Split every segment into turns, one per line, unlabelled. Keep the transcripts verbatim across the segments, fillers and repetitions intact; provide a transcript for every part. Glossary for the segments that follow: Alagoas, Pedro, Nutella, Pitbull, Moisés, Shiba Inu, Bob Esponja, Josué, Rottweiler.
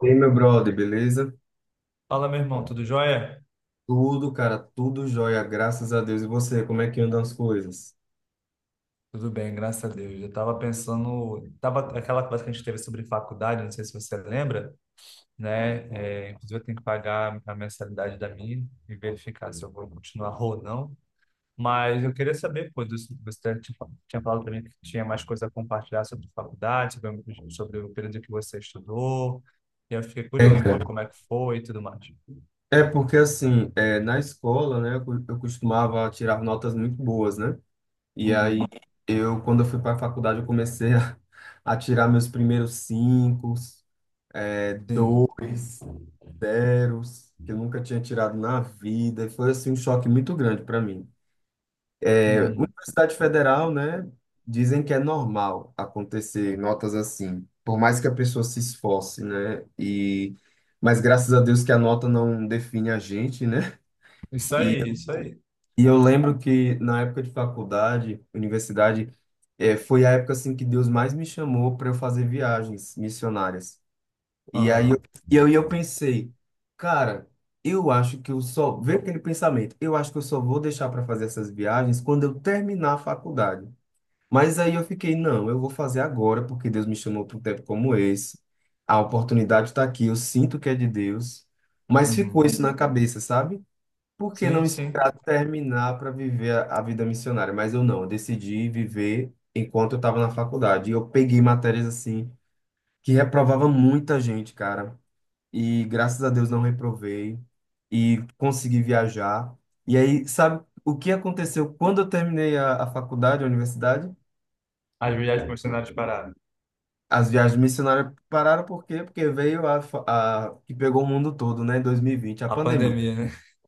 E aí, meu brother, beleza?
Fala, meu irmão, tudo jóia?
Tudo, cara, tudo jóia, graças a Deus. E você, como é que andam as coisas?
Tudo bem, graças a Deus. Eu estava pensando, tava aquela conversa que a gente teve sobre faculdade, não sei se você lembra, né? É, inclusive, eu tenho que pagar a mensalidade da minha e verificar se eu vou continuar ou não. Mas eu queria saber, pô, do- você tinha tinha falado para mim que tinha mais coisa a compartilhar sobre faculdade, sobre, o- sobre o período que você estudou. E eu fiquei
É,
curioso, né?
cara.
Como é que foi e tudo mais.
É porque, assim, é, na escola, né, eu co- eu costumava tirar notas muito boas, né? E aí,
Uhum.
eu, quando eu fui para a faculdade, eu comecei a, a tirar meus primeiros cinco, é,
Sim.
dois, zeros, que eu nunca tinha tirado na vida. E foi, assim, um choque muito grande para mim.
Uhum.
Universidade Federal, né? Dizem que é normal acontecer notas assim, por mais que a pessoa se esforce, né? E mas graças a Deus que a nota não define a gente, né?
Isso
E,
aí, isso aí.
e eu lembro que na época de faculdade, universidade, eh, foi a época assim que Deus mais me chamou para eu fazer viagens missionárias. E aí eu,
Aham.
e aí eu pensei, cara, eu acho que eu só, veio aquele pensamento, eu acho que eu só vou deixar para fazer essas viagens quando eu terminar a faculdade. Mas aí eu fiquei, não, eu vou fazer agora, porque Deus me chamou para um tempo como esse. A oportunidade está aqui, eu sinto que é de Deus. Mas ficou
Uhum.
isso na cabeça, sabe? Por que não
Sim, sim.
esperar terminar para viver a a vida missionária? Mas eu não, eu decidi viver enquanto eu estava na faculdade. E eu peguei matérias assim, que reprovava muita gente, cara. E graças a Deus não reprovei e consegui viajar. E aí, sabe o que aconteceu quando eu terminei a, a faculdade, a universidade?
As viagens missionárias os pararam.
As viagens missionárias pararam por quê? Porque veio a, fa- a que pegou o mundo todo, né, em dois mil e vinte a
A
pandemia.
pandemia, né?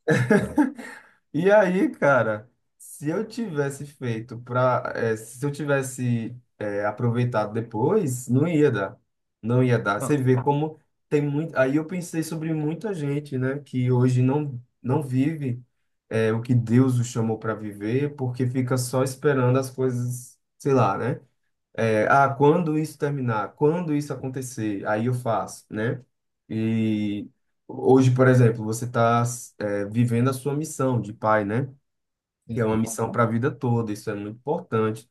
E aí, cara, se eu tivesse feito para, se eu tivesse eh, aproveitado depois, não ia dar, não ia dar. Você
Não,
vê como tem muito. Aí eu pensei sobre muita gente, né, que hoje não não vive eh, o que Deus o chamou para viver, porque fica só esperando as coisas, sei lá, né? É, ah, quando isso terminar, quando isso acontecer, aí eu faço, né? E hoje, por exemplo, você está vivendo a sua missão de pai, né? Que é uma missão para a vida toda, isso é muito importante.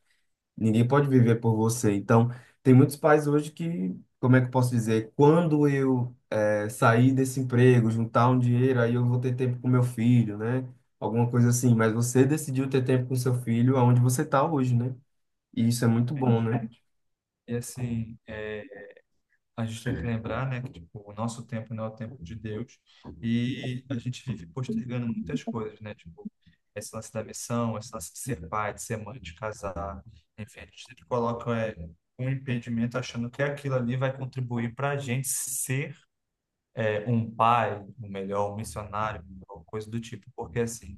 Ninguém pode viver por você. Então, tem muitos pais hoje que, como é que eu posso dizer? Quando eu eh, sair desse emprego, juntar um dinheiro, aí eu vou ter tempo com meu filho, né? Alguma coisa assim. Mas você decidiu ter tempo com seu filho aonde você está hoje, né? E isso é muito bom,
gente.
né?
E assim, é, a gente tem que lembrar, né, que tipo, o nosso tempo não é o tempo de Deus e a gente vive postergando muitas coisas, né? Tipo, esse lance da missão, esse lance de ser pai, de ser mãe, de casar, enfim, a gente sempre coloca é, um impedimento achando que aquilo ali vai contribuir para a gente ser é, um pai, um melhor, um missionário, ou coisa do tipo, porque assim.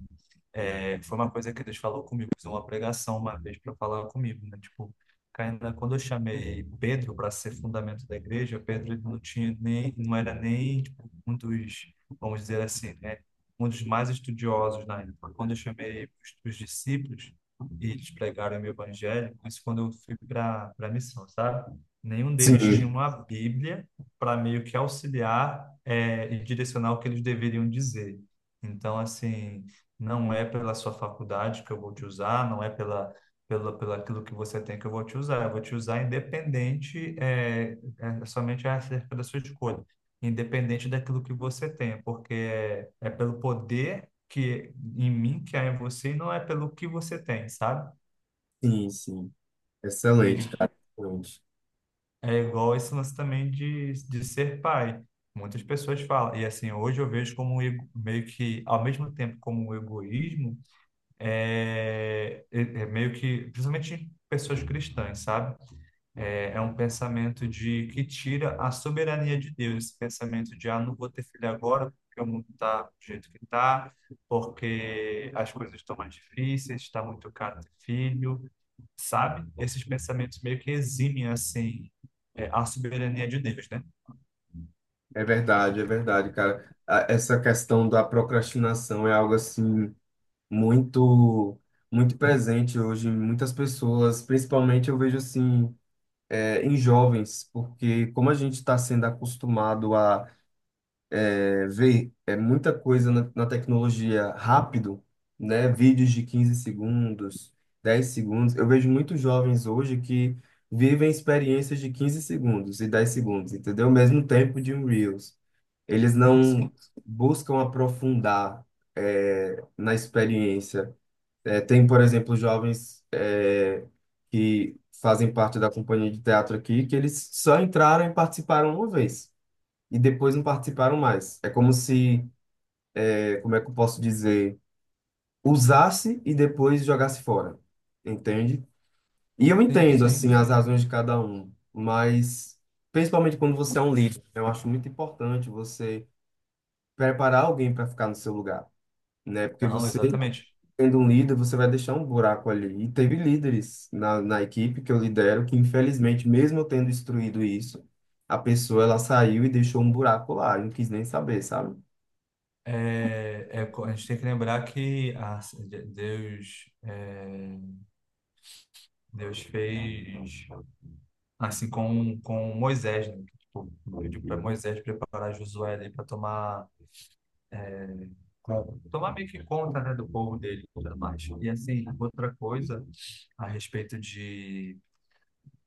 É, foi uma coisa que Deus falou comigo, fez uma pregação uma vez para falar comigo, né? Tipo, ainda quando eu chamei Pedro para ser fundamento da igreja, Pedro ele não tinha nem, não era nem tipo, um dos, vamos dizer assim, né? Um dos mais estudiosos na época. Quando eu chamei os, os discípulos e eles pregaram o meu evangelho, isso quando eu fui para para missão, sabe? Nenhum deles tinha
Sim.
uma Bíblia para meio que auxiliar é, e direcionar o que eles deveriam dizer. Então, assim, não é pela sua faculdade que eu vou te usar, não é pela, pela, pela aquilo que você tem que eu vou te usar, eu vou te usar independente, é, é somente acerca da sua escolha, independente daquilo que você tem, porque é, é pelo poder que em mim que há em você e não é pelo que você tem, sabe?
Sim, sim.
E
Excelente, cara. Excelente.
é igual esse lance também de, de ser pai. Muitas pessoas falam, e assim, hoje eu vejo como um ego- meio que, ao mesmo tempo como um egoísmo, é, é- é meio que, principalmente pessoas cristãs, sabe? É, é um pensamento de que tira a soberania de Deus, esse pensamento de, ah, não vou ter filho agora porque o mundo está do jeito que está, porque as coisas estão mais difíceis, está muito caro ter filho, sabe? Esses pensamentos meio que eximem, assim, é, a soberania de Deus, né?
É verdade, é verdade, cara. A- Essa questão da procrastinação é algo assim muito, muito presente hoje em muitas pessoas, principalmente eu vejo assim é, em jovens, porque como a gente está sendo acostumado é, ver é muita coisa na, na tecnologia rápido, né? Vídeos de quinze segundos, dez segundos. Eu vejo muitos jovens hoje que vivem experiências de quinze segundos e dez segundos, entendeu? Mesmo tempo de um Reels. Eles
Sim,
não
sim,
buscam aprofundar, é, na experiência. É, tem, por exemplo, jovens, é, que fazem parte da companhia de teatro aqui, que eles só entraram e participaram uma vez e depois não participaram mais. É como se como é que eu posso dizer, usasse e depois jogasse fora, entende? E eu
sim,
entendo,
sim.
assim, as razões de cada um, mas principalmente quando você é um líder, né, eu acho muito importante você preparar alguém para ficar no seu lugar, né? Porque
Não,
você,
exatamente.
sendo um líder, você vai deixar um buraco ali. E teve líderes na, na equipe que eu lidero que, infelizmente, mesmo eu tendo instruído isso, a pessoa, ela saiu e deixou um buraco lá, e não quis nem saber, sabe?
É, é, co- a gente tem que lembrar que a- Deus, é, Deus fez assim com, com Moisés, né? Tipo, pediu para Moisés preparar Josué ali para tomar, tomar meio que conta, né, do povo dele e tudo mais. E assim, outra coisa a respeito de,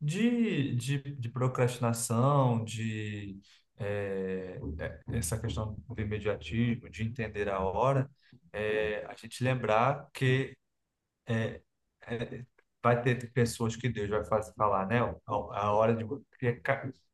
de, de, de procrastinação, de é, é, essa questão do imediatismo, de entender a hora, é, a gente lembrar que é, vai ter pessoas que Deus vai fazer falar, né? A, a hora de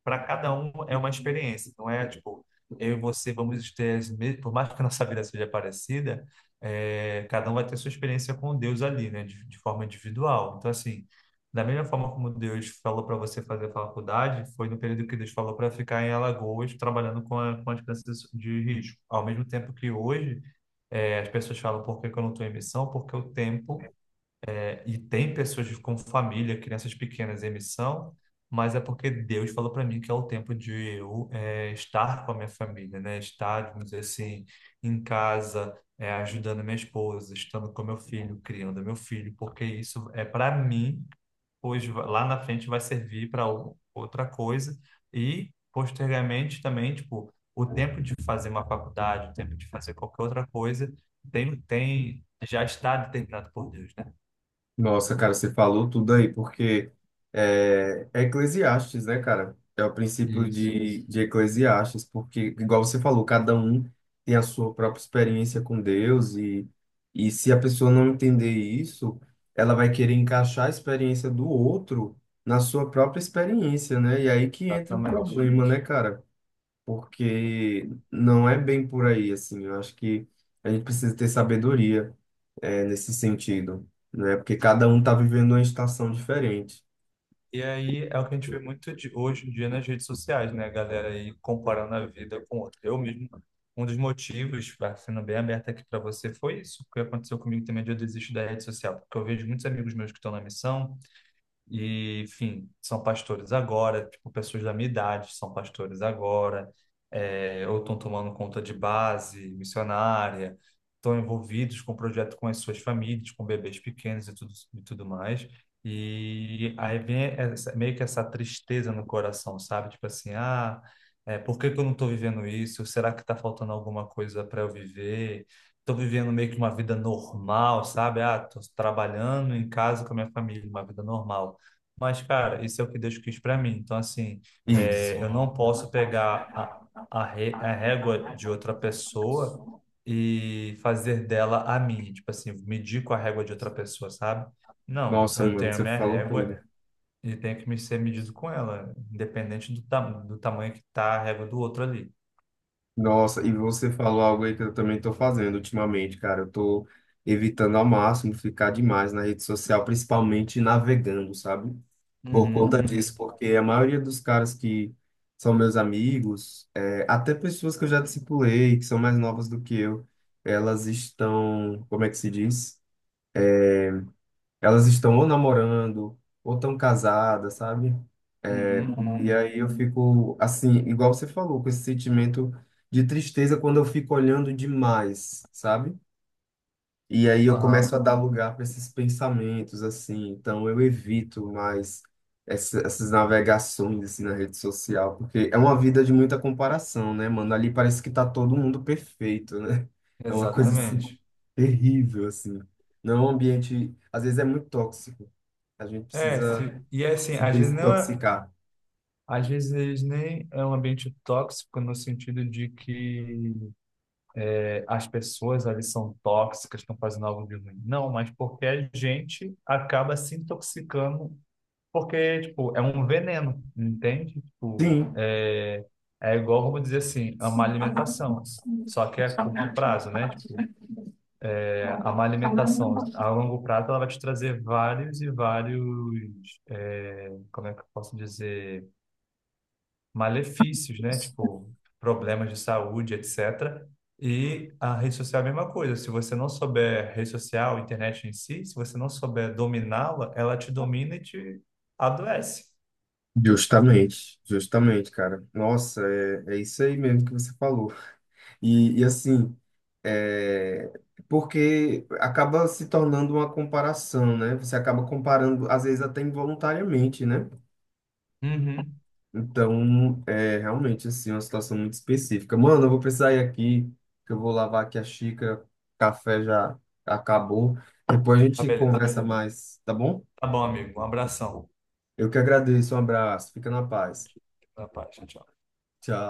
para cada um é uma experiência, não é tipo eu e você vamos ter as mes- por mais que a nossa vida seja parecida, é, cada um vai ter sua experiência com Deus ali, né? De, de forma individual. Então assim, da mesma forma como Deus falou para você fazer a faculdade, foi no período que Deus falou para ficar em Alagoas trabalhando com, a, com as crianças de risco. Ao mesmo tempo que hoje é, as pessoas falam por que que eu não estou em missão, porque o tempo e tem pessoas com família, crianças pequenas em missão, mas é porque Deus falou para mim que é o tempo de eu eh, estar com a minha família, né? Estar, vamos dizer assim, em casa, eh, ajudando minha esposa, estando com meu filho, criando meu filho, porque isso é para mim, pois va- lá na frente vai servir para outra coisa e posteriormente também, tipo, o tempo de fazer uma faculdade, o tempo de fazer qualquer outra coisa, tem, tem, já está determinado por Deus, né?
Nossa, cara, você falou tudo aí, porque é, é Eclesiastes, né, cara? É o princípio
Isso.
de, de Eclesiastes, porque, igual você falou, cada um tem a sua própria experiência com Deus, e, e se a pessoa não entender isso, ela vai querer encaixar a experiência do outro na sua própria experiência, né? E aí que entra o
Exatamente.
problema, né, cara? Porque não é bem por aí, assim. Eu acho que a gente precisa ter sabedoria, é, nesse sentido, né? Porque cada um tá vivendo uma estação diferente.
E aí é o que a gente vê muito de- hoje em dia nas redes sociais, né? A galera aí comparando a vida com outra. Eu mesmo, um dos motivos, pra- sendo bem aberto aqui para você, foi isso que aconteceu comigo também de eu desistir da rede social. Porque eu vejo muitos amigos meus que estão na missão, E, enfim, são pastores agora, tipo, pessoas da minha idade são pastores agora, é, ou estão tomando conta de base missionária, estão envolvidos com o projeto com as suas famílias, com bebês pequenos e tudo, e tudo mais. E aí vem essa- meio que essa tristeza no coração, sabe? Tipo assim, ah, é, por que que eu não estou vivendo isso? Será que está faltando alguma coisa para eu viver? Estou vivendo meio que uma vida normal, sabe? Ah, estou trabalhando em casa com a minha família, uma vida normal. Mas, cara, isso é o que Deus quis para mim. Então, assim, é,
Isso.
eu não posso pegar a, a, ré- a régua de outra pessoa e fazer dela a minha. Tipo assim, medir com a régua de outra pessoa, sabe? Não,
Nossa,
eu
mano,
tenho a
você
minha
falou tudo.
régua e tenho que me ser medido com ela, independente do, tam, do tamanho que tá a régua do outro ali.
Nossa, e você falou algo aí que eu também tô fazendo ultimamente, cara. Eu tô evitando ao máximo ficar demais na rede social, principalmente navegando, sabe? Por
Uhum,
conta disso,
uhum,
porque a maioria dos caras que são meus amigos, é, até pessoas que eu já discipulei, que são mais novas do que eu, elas estão, como é que se diz? Elas estão ou namorando, ou estão casadas, sabe?
uhum,
E
uhum.
aí eu fico assim, igual você falou, com esse sentimento de tristeza quando eu fico olhando demais, sabe? E aí eu começo a
Aham,
dar lugar para esses pensamentos, assim. Então eu evito mais essa- essas navegações assim, na rede social, porque é uma vida de muita comparação, né, mano? Ali parece que tá todo mundo perfeito, né? É uma coisa assim,
exatamente.
terrível, assim. Não é um ambiente, às vezes é muito tóxico. A gente
É,
precisa
se, e é assim,
se
às vezes não é.
desintoxicar.
Às vezes nem é um ambiente tóxico no sentido de que é, as pessoas ali são tóxicas, estão fazendo algo de ruim. Não, mas porque a gente acaba se intoxicando, porque tipo, é um veneno, entende? Tipo,
Sim,
é, é igual, vamos dizer assim, a má alimentação. Só que é a curto prazo, né? Tipo, é, a má alimentação a longo prazo ela vai te trazer vários e vários, é, como é que eu posso dizer? Malefícios, né? Tipo, problemas de saúde, etcétera. E a rede social é a mesma coisa. Se você não souber rede social, internet em si, se você não souber dominá-la, ela te domina e te adoece.
justamente, justamente, cara. Nossa, é, é isso aí mesmo que você falou. E, e assim, é, porque acaba se tornando uma comparação, né? Você acaba comparando, às vezes até involuntariamente, né?
Uhum.
Então, é realmente, assim, uma situação muito específica. Mano, eu vou precisar ir aqui, que eu vou lavar aqui a xícara, o café já acabou. Depois a
Tá,
gente
beleza.
conversa mais, tá bom?
Tá bom, amigo. Um abração.
Eu que agradeço, um abraço, fica na paz.
Fica na paz. Tchau, tchau.
Tchau.